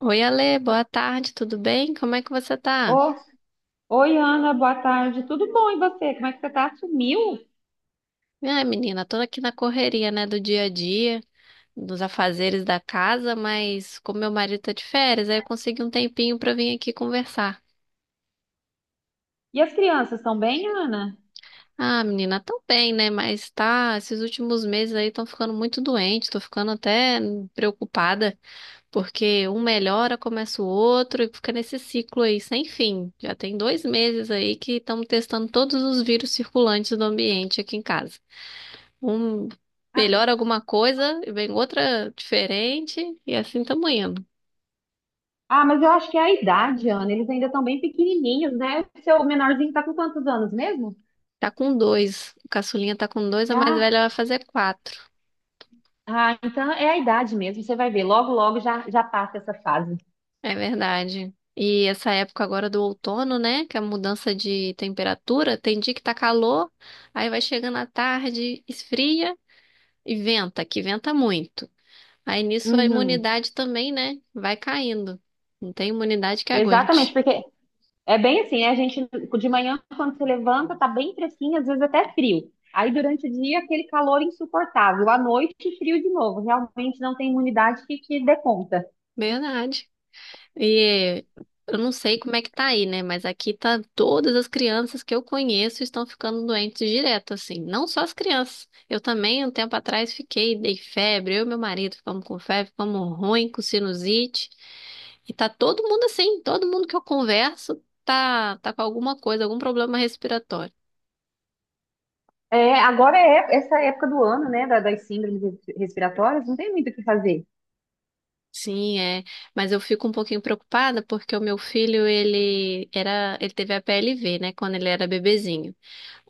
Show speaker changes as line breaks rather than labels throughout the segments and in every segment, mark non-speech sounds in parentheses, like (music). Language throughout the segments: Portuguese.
Oi, Ale, boa tarde, tudo bem? Como é que você tá?
Ô, oi, Ana, boa tarde. Tudo bom e você? Como é que você tá? Sumiu?
Ah, menina, tô aqui na correria, né, do dia a dia, dos afazeres da casa, mas como meu marido tá de férias, aí eu consegui um tempinho pra vir aqui conversar.
E as crianças estão bem, Ana?
Ah, menina, tão bem, né, mas tá, esses últimos meses aí estão ficando muito doente, tô ficando até preocupada, porque um melhora, começa o outro e fica nesse ciclo aí sem fim. Já tem dois meses aí que estamos testando todos os vírus circulantes do ambiente aqui em casa. Um melhora alguma coisa e vem outra diferente, e assim estamos indo.
Ah, mas eu acho que é a idade, Ana. Eles ainda estão bem pequenininhos, né? O seu menorzinho tá com quantos anos mesmo?
Tá com dois. O caçulinha tá com dois, a mais
Ah,
velha vai fazer quatro.
ah, então é a idade mesmo. Você vai ver. Logo, logo já, já passa essa fase.
É verdade. E essa época agora do outono, né? Que é a mudança de temperatura, tem dia que tá calor, aí vai chegando à tarde, esfria e venta, que venta muito. Aí nisso a
Uhum.
imunidade também, né? Vai caindo. Não tem imunidade que
Exatamente,
aguente.
porque É bem assim, né? A gente, de manhã, quando você levanta, tá bem fresquinho, às vezes até frio. Aí, durante o dia, aquele calor insuportável. À noite, frio de novo. Realmente não tem imunidade que dê conta.
Verdade. E eu não sei como é que tá aí, né? Mas aqui tá todas as crianças que eu conheço estão ficando doentes direto, assim. Não só as crianças. Eu também, um tempo atrás, fiquei, dei febre. Eu e meu marido ficamos com febre, ficamos ruim, com sinusite. E tá todo mundo assim, todo mundo que eu converso tá, tá com alguma coisa, algum problema respiratório.
É, agora é essa época do ano, né? Das síndromes respiratórias, não tem muito o que fazer.
Sim, é. Mas eu fico um pouquinho preocupada porque o meu filho, ele era, ele teve a PLV, né? Quando ele era bebezinho.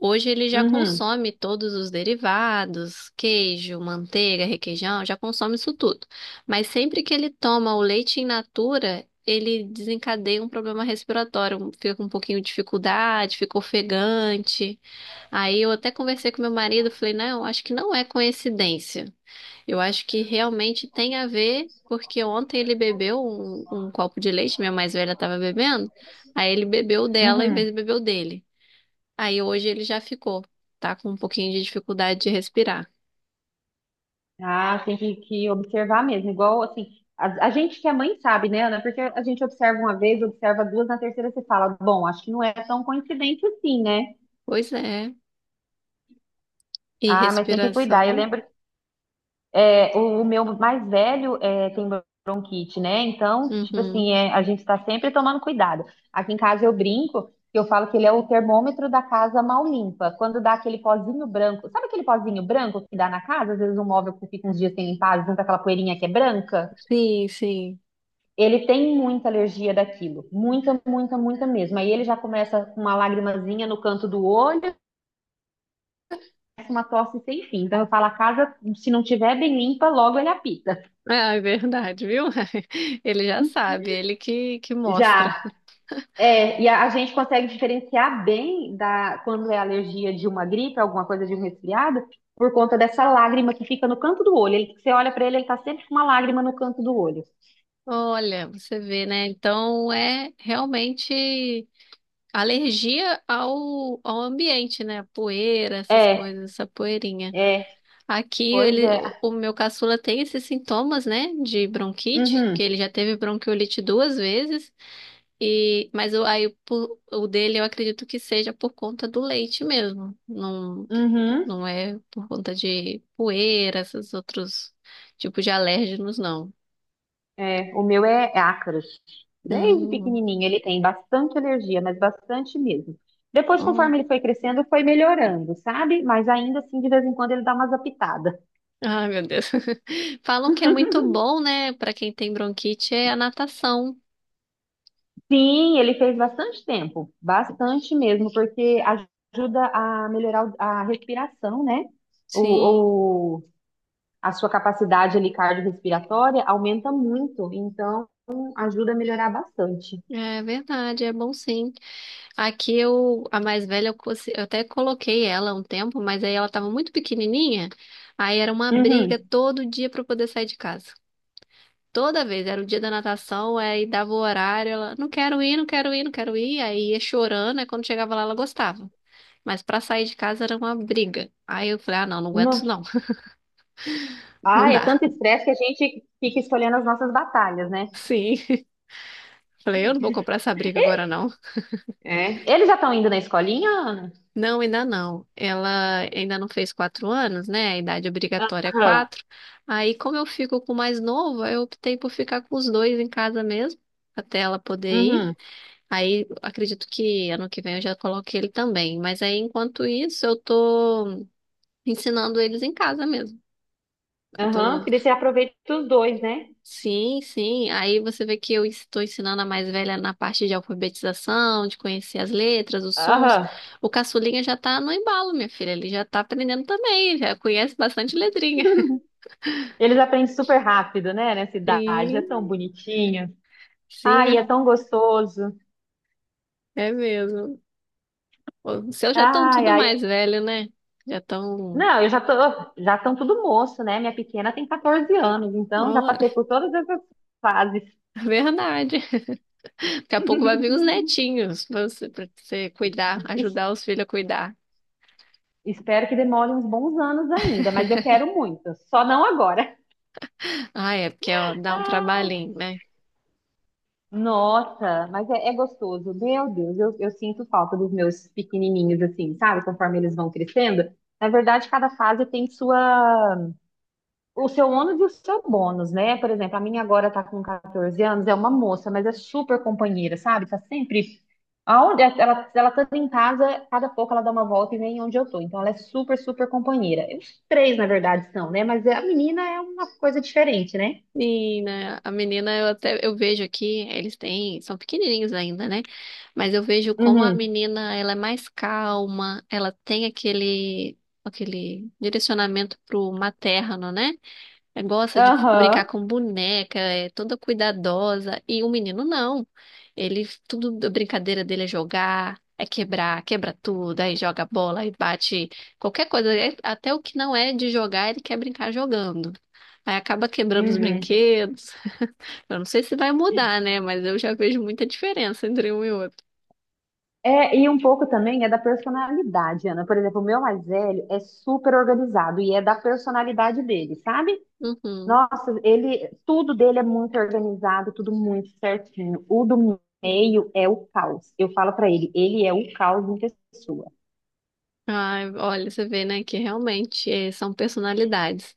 Hoje ele já
Uhum,
consome todos os derivados, queijo, manteiga, requeijão, já consome isso tudo. Mas sempre que ele toma o leite in natura, ele desencadeia um problema respiratório, um, fica com um pouquinho de dificuldade, fica ofegante. Aí eu até conversei com meu marido, falei, não, acho que não é coincidência. Eu acho que realmente tem a ver, porque ontem ele bebeu um copo de leite, minha mais velha estava bebendo, aí ele bebeu o dela em vez
uhum.
de beber o dele. Aí hoje ele já ficou, tá com um pouquinho de dificuldade de respirar.
Ah, tem que observar mesmo. Igual, assim, a gente que é mãe sabe, né, Ana? Porque a gente observa uma vez, observa duas, na terceira você fala, bom, acho que não é tão coincidente assim, né?
Pois é. E
Ah, mas tem que cuidar. Eu
respiração?
lembro. É, o meu mais velho é, tem bronquite, né? Então, tipo assim,
Uhum.
é, a gente está sempre tomando cuidado. Aqui em casa eu brinco, que eu falo que ele é o termômetro da casa mal limpa. Quando dá aquele pozinho branco, sabe aquele pozinho branco que dá na casa? Às vezes um móvel que fica uns dias sem limpar, junto aquela poeirinha que é branca.
Sim, sim.
Ele tem muita alergia daquilo, muita, muita, muita mesmo. Aí ele já começa com uma lagrimazinha no canto do olho, começa uma tosse sem fim. Então eu falo, a casa, se não tiver bem limpa, logo ele apita.
Ah, é verdade, viu? (laughs) Ele já
(laughs)
sabe, ele que mostra.
Já. É, e a gente consegue diferenciar bem da quando é alergia de uma gripe, alguma coisa de um resfriado, por conta dessa lágrima que fica no canto do olho. Ele, você olha pra ele, ele tá sempre com uma lágrima no canto do olho.
Olha, você vê, né? Então é realmente alergia ao ambiente, né? Poeira, essas
É,
coisas, essa poeirinha.
é,
Aqui
pois
ele,
é.
o meu caçula tem esses sintomas, né? De bronquite,
Uhum,
que ele já teve bronquiolite duas vezes. E, mas o, aí, o, o dele eu acredito que seja por conta do leite mesmo. Não,
uhum.
não é por conta de poeira, esses outros tipos de alérgenos, não.
É, o meu é ácaros. Desde
Hum,
pequenininho ele tem bastante alergia, mas bastante mesmo. Depois,
ó.
conforme ele foi crescendo, foi melhorando, sabe? Mas ainda assim, de vez em quando ele dá umas apitadas.
Ai, meu Deus. (laughs) Falam que é muito
(laughs)
bom, né, pra quem tem bronquite, é a natação.
Sim, ele fez bastante tempo, bastante mesmo, porque ajuda a melhorar a respiração, né?
Sim,
O, o- a sua capacidade ali cardiorrespiratória aumenta muito, então ajuda a melhorar bastante.
é verdade, é bom sim. Aqui eu, a mais velha, eu, eu até coloquei ela um tempo, mas aí ela tava muito pequenininha, aí era uma briga
Uhum.
todo dia pra eu poder sair de casa. Toda vez, era o dia da natação, aí dava o horário, ela, não quero ir, não quero ir, não quero ir, aí ia chorando, aí quando chegava lá ela gostava. Mas pra sair de casa era uma briga. Aí eu falei, ah, não, não aguento
No-
isso não, (laughs) não
Ah, é
dá.
tanto estresse que a gente fica escolhendo as nossas batalhas, né?
Sim. (laughs) Falei, eu não vou comprar essa briga agora não.
É. Eles já estão indo na escolinha, Ana?
Não, ainda não. Ela ainda não fez 4 anos, né? A idade obrigatória é
Aham.
quatro. Aí, como eu fico com o mais novo, eu optei por ficar com os dois em casa mesmo, até ela poder ir.
Uhum.
Aí acredito que ano que vem eu já coloquei ele também. Mas aí, enquanto isso, eu tô ensinando eles em casa mesmo. Eu
Aham,
tô...
porque daí você aproveita os dois, né?
Sim, sim. Aí você vê que eu estou ensinando a mais velha na parte de alfabetização, de conhecer as letras, os sons.
Aham.
O caçulinha já tá no embalo, minha filha. Ele já tá aprendendo também, já conhece bastante letrinha. (laughs)
(laughs) Eles aprendem super rápido, né? Nessa idade. É tão
Sim,
bonitinho. Ai, é
sim,
tão gostoso.
é mesmo. Os seus já estão
Ai,
tudo
ai.
mais velho, né? Já estão.
Não, eu já tô. Já estão tudo moço, né? Minha pequena tem 14 anos, então já
Olha,
passei por todas essas fases.
(laughs) verdade. Daqui a pouco vai vir os netinhos pra você cuidar,
Es-
ajudar os filhos a cuidar.
Espero que demore uns bons anos ainda, mas eu quero muito. Só não agora.
Ah, é, porque ó, dá um trabalhinho, né?
Nossa, mas é, é gostoso. Meu Deus, eu sinto falta dos meus pequenininhos, assim, sabe? Conforme eles vão crescendo. Na verdade, cada fase tem sua o seu ônus e o seu bônus, né? Por exemplo, a minha agora tá com 14 anos, é uma moça, mas é super companheira, sabe? Tá sempre. Aonde é, ela tá em casa, cada pouco ela dá uma volta e vem onde eu tô. Então ela é super, super companheira. Os três, na verdade, são, né? Mas a menina é uma coisa diferente, né?
Sim, né? A menina, eu até eu vejo aqui, eles têm, são pequenininhos ainda, né? Mas eu vejo como a
Uhum.
menina, ela é mais calma, ela tem aquele, aquele direcionamento pro materno, né? É, gosta de brincar
Aham.
com boneca, é toda cuidadosa. E o menino não. Ele, tudo, a brincadeira dele é jogar, é quebrar, quebra tudo, aí joga bola, aí bate qualquer coisa. Até o que não é de jogar, ele quer brincar jogando. Aí acaba quebrando os
Uhum.
brinquedos. Eu não sei se vai mudar, né? Mas eu já vejo muita diferença entre um e outro.
É, e um pouco também é da personalidade, Ana. Por exemplo, o meu mais velho é super organizado e é da personalidade dele, sabe?
Uhum.
Nossa, ele, tudo dele é muito organizado, tudo muito certinho. O do meio é o caos. Eu falo pra ele, ele é o caos em pessoa.
Ai, olha, você vê, né, que realmente são personalidades.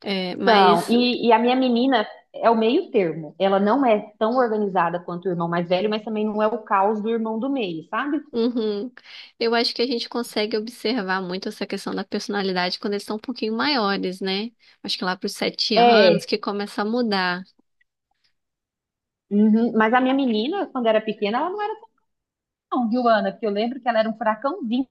É,
Então,
mas
e, a minha menina é o meio termo. Ela não é tão organizada quanto o irmão mais velho, mas também não é o caos do irmão do meio, sabe?
uhum. Eu acho que a gente consegue observar muito essa questão da personalidade quando eles são um pouquinho maiores, né? Acho que lá para os 7 anos
É,
que começa a mudar.
uhum. Mas a minha menina, quando era pequena, ela não era tão, viu, Ana? Porque eu lembro que ela era um furacãozinho.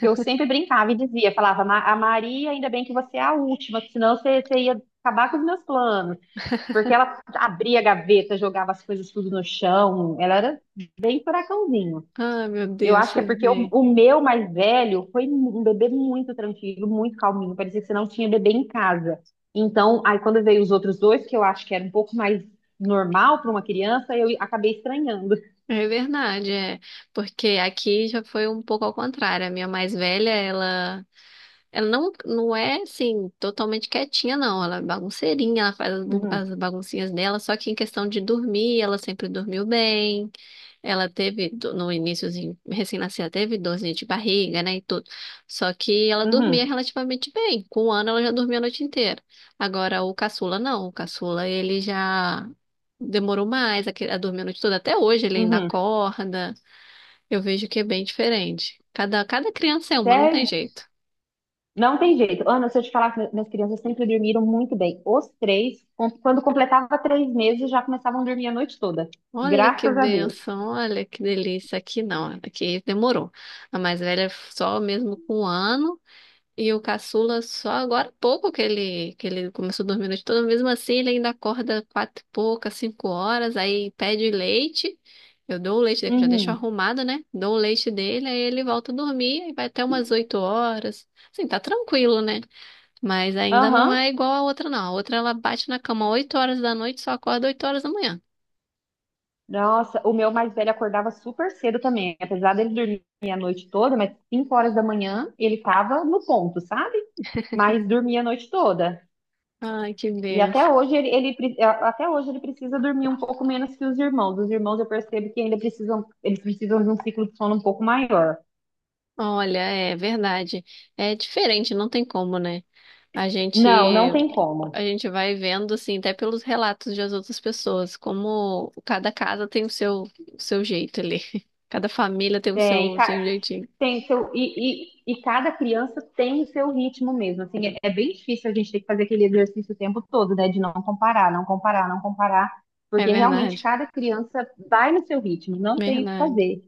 Que Eu sempre brincava e dizia, falava, A Maria, ainda bem que você é a última, que senão você ia acabar com os meus planos."
(laughs)
Porque ela abria a gaveta, jogava as coisas tudo no chão. Ela era bem furacãozinho.
Ah, meu
Eu
Deus,
acho que é
você
porque o,
vê.
o meu mais velho foi um bebê muito tranquilo, muito calminho. Parecia que você não tinha bebê em casa. Então, aí quando veio os outros dois, que eu acho que era um pouco mais normal para uma criança, eu acabei estranhando.
É verdade, é. Porque aqui já foi um pouco ao contrário. A minha mais velha, ela não, não é assim, totalmente quietinha, não. Ela é bagunceirinha, ela faz as
Uhum,
as baguncinhas dela, só que em questão de dormir, ela sempre dormiu bem. Ela teve, no iníciozinho, recém-nascida, teve dorzinha de barriga, né, e tudo. Só que ela dormia
uhum,
relativamente bem. Com um ano, ela já dormia a noite inteira. Agora, o caçula, não. O caçula, ele já demorou mais a, a dormir a noite toda. Até hoje, ele ainda
uhum.
acorda. Eu vejo que é bem diferente. Cada criança é uma, não tem
Sério?
jeito.
Não tem jeito. Ana, se eu te falar que minhas crianças sempre dormiram muito bem. Os três, quando completava 3 meses, já começavam a dormir a noite toda.
Olha que
Graças a Deus.
bênção, olha que delícia. Aqui não, aqui demorou. A mais velha só mesmo com um ano. E o caçula só agora há pouco que ele começou a dormir a noite toda, mesmo assim ele ainda acorda quatro e pouca, 5 horas, aí pede leite. Eu dou o leite dele, que eu já deixo
Uhum.
arrumado, né? Dou o leite dele, aí ele volta a dormir, aí vai até umas 8 horas. Assim, tá tranquilo, né? Mas ainda não é
Aham.
igual a outra, não. A outra ela bate na cama 8 horas da noite, só acorda 8 horas da manhã.
Nossa, o meu mais velho acordava super cedo também. Apesar dele dormir a noite toda, mas 5 horas da manhã ele tava no ponto, sabe? Mas dormia a noite toda.
Ai, que
E
benção.
até hoje até hoje ele precisa dormir um pouco menos que os irmãos. Os irmãos eu percebo que ainda precisam, eles precisam de um ciclo de sono um pouco maior.
Olha, é verdade. É diferente, não tem como, né? A
Não, não
gente
tem como.
a gente vai vendo, assim, até pelos relatos de as outras pessoas, como cada casa tem o seu jeito ali. (laughs) Cada família tem
Tem.
o seu jeitinho.
Seu, e cada criança tem o seu ritmo mesmo. Assim, é, é bem difícil a gente ter que fazer aquele exercício o tempo todo, né? De não comparar, não comparar, não comparar,
É
porque realmente
verdade,
cada criança vai no seu ritmo, não tem o que
verdade.
fazer.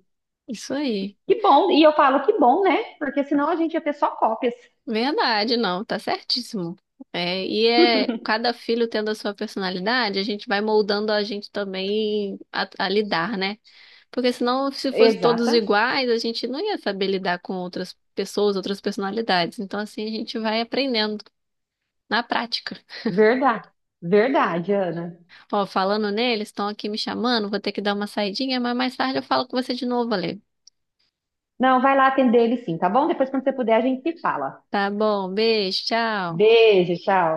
Isso aí.
Que bom, e eu falo que bom, né? Porque senão a gente ia ter só cópias.
Verdade, não, tá certíssimo. É, e é cada filho tendo a sua personalidade, a gente vai moldando a gente também a lidar, né? Porque senão, se fossem todos
Exata,
iguais, a gente não ia saber lidar com outras pessoas, outras personalidades. Então, assim, a gente vai aprendendo na prática.
Verdade, verdade, Ana.
Ó, falando neles, estão aqui me chamando, vou ter que dar uma saidinha, mas mais tarde eu falo com você de novo, Ale.
Não, vai lá atender ele sim, tá bom? Depois, quando você puder, a gente se fala.
Tá bom, beijo, tchau.
Beijo, tchau.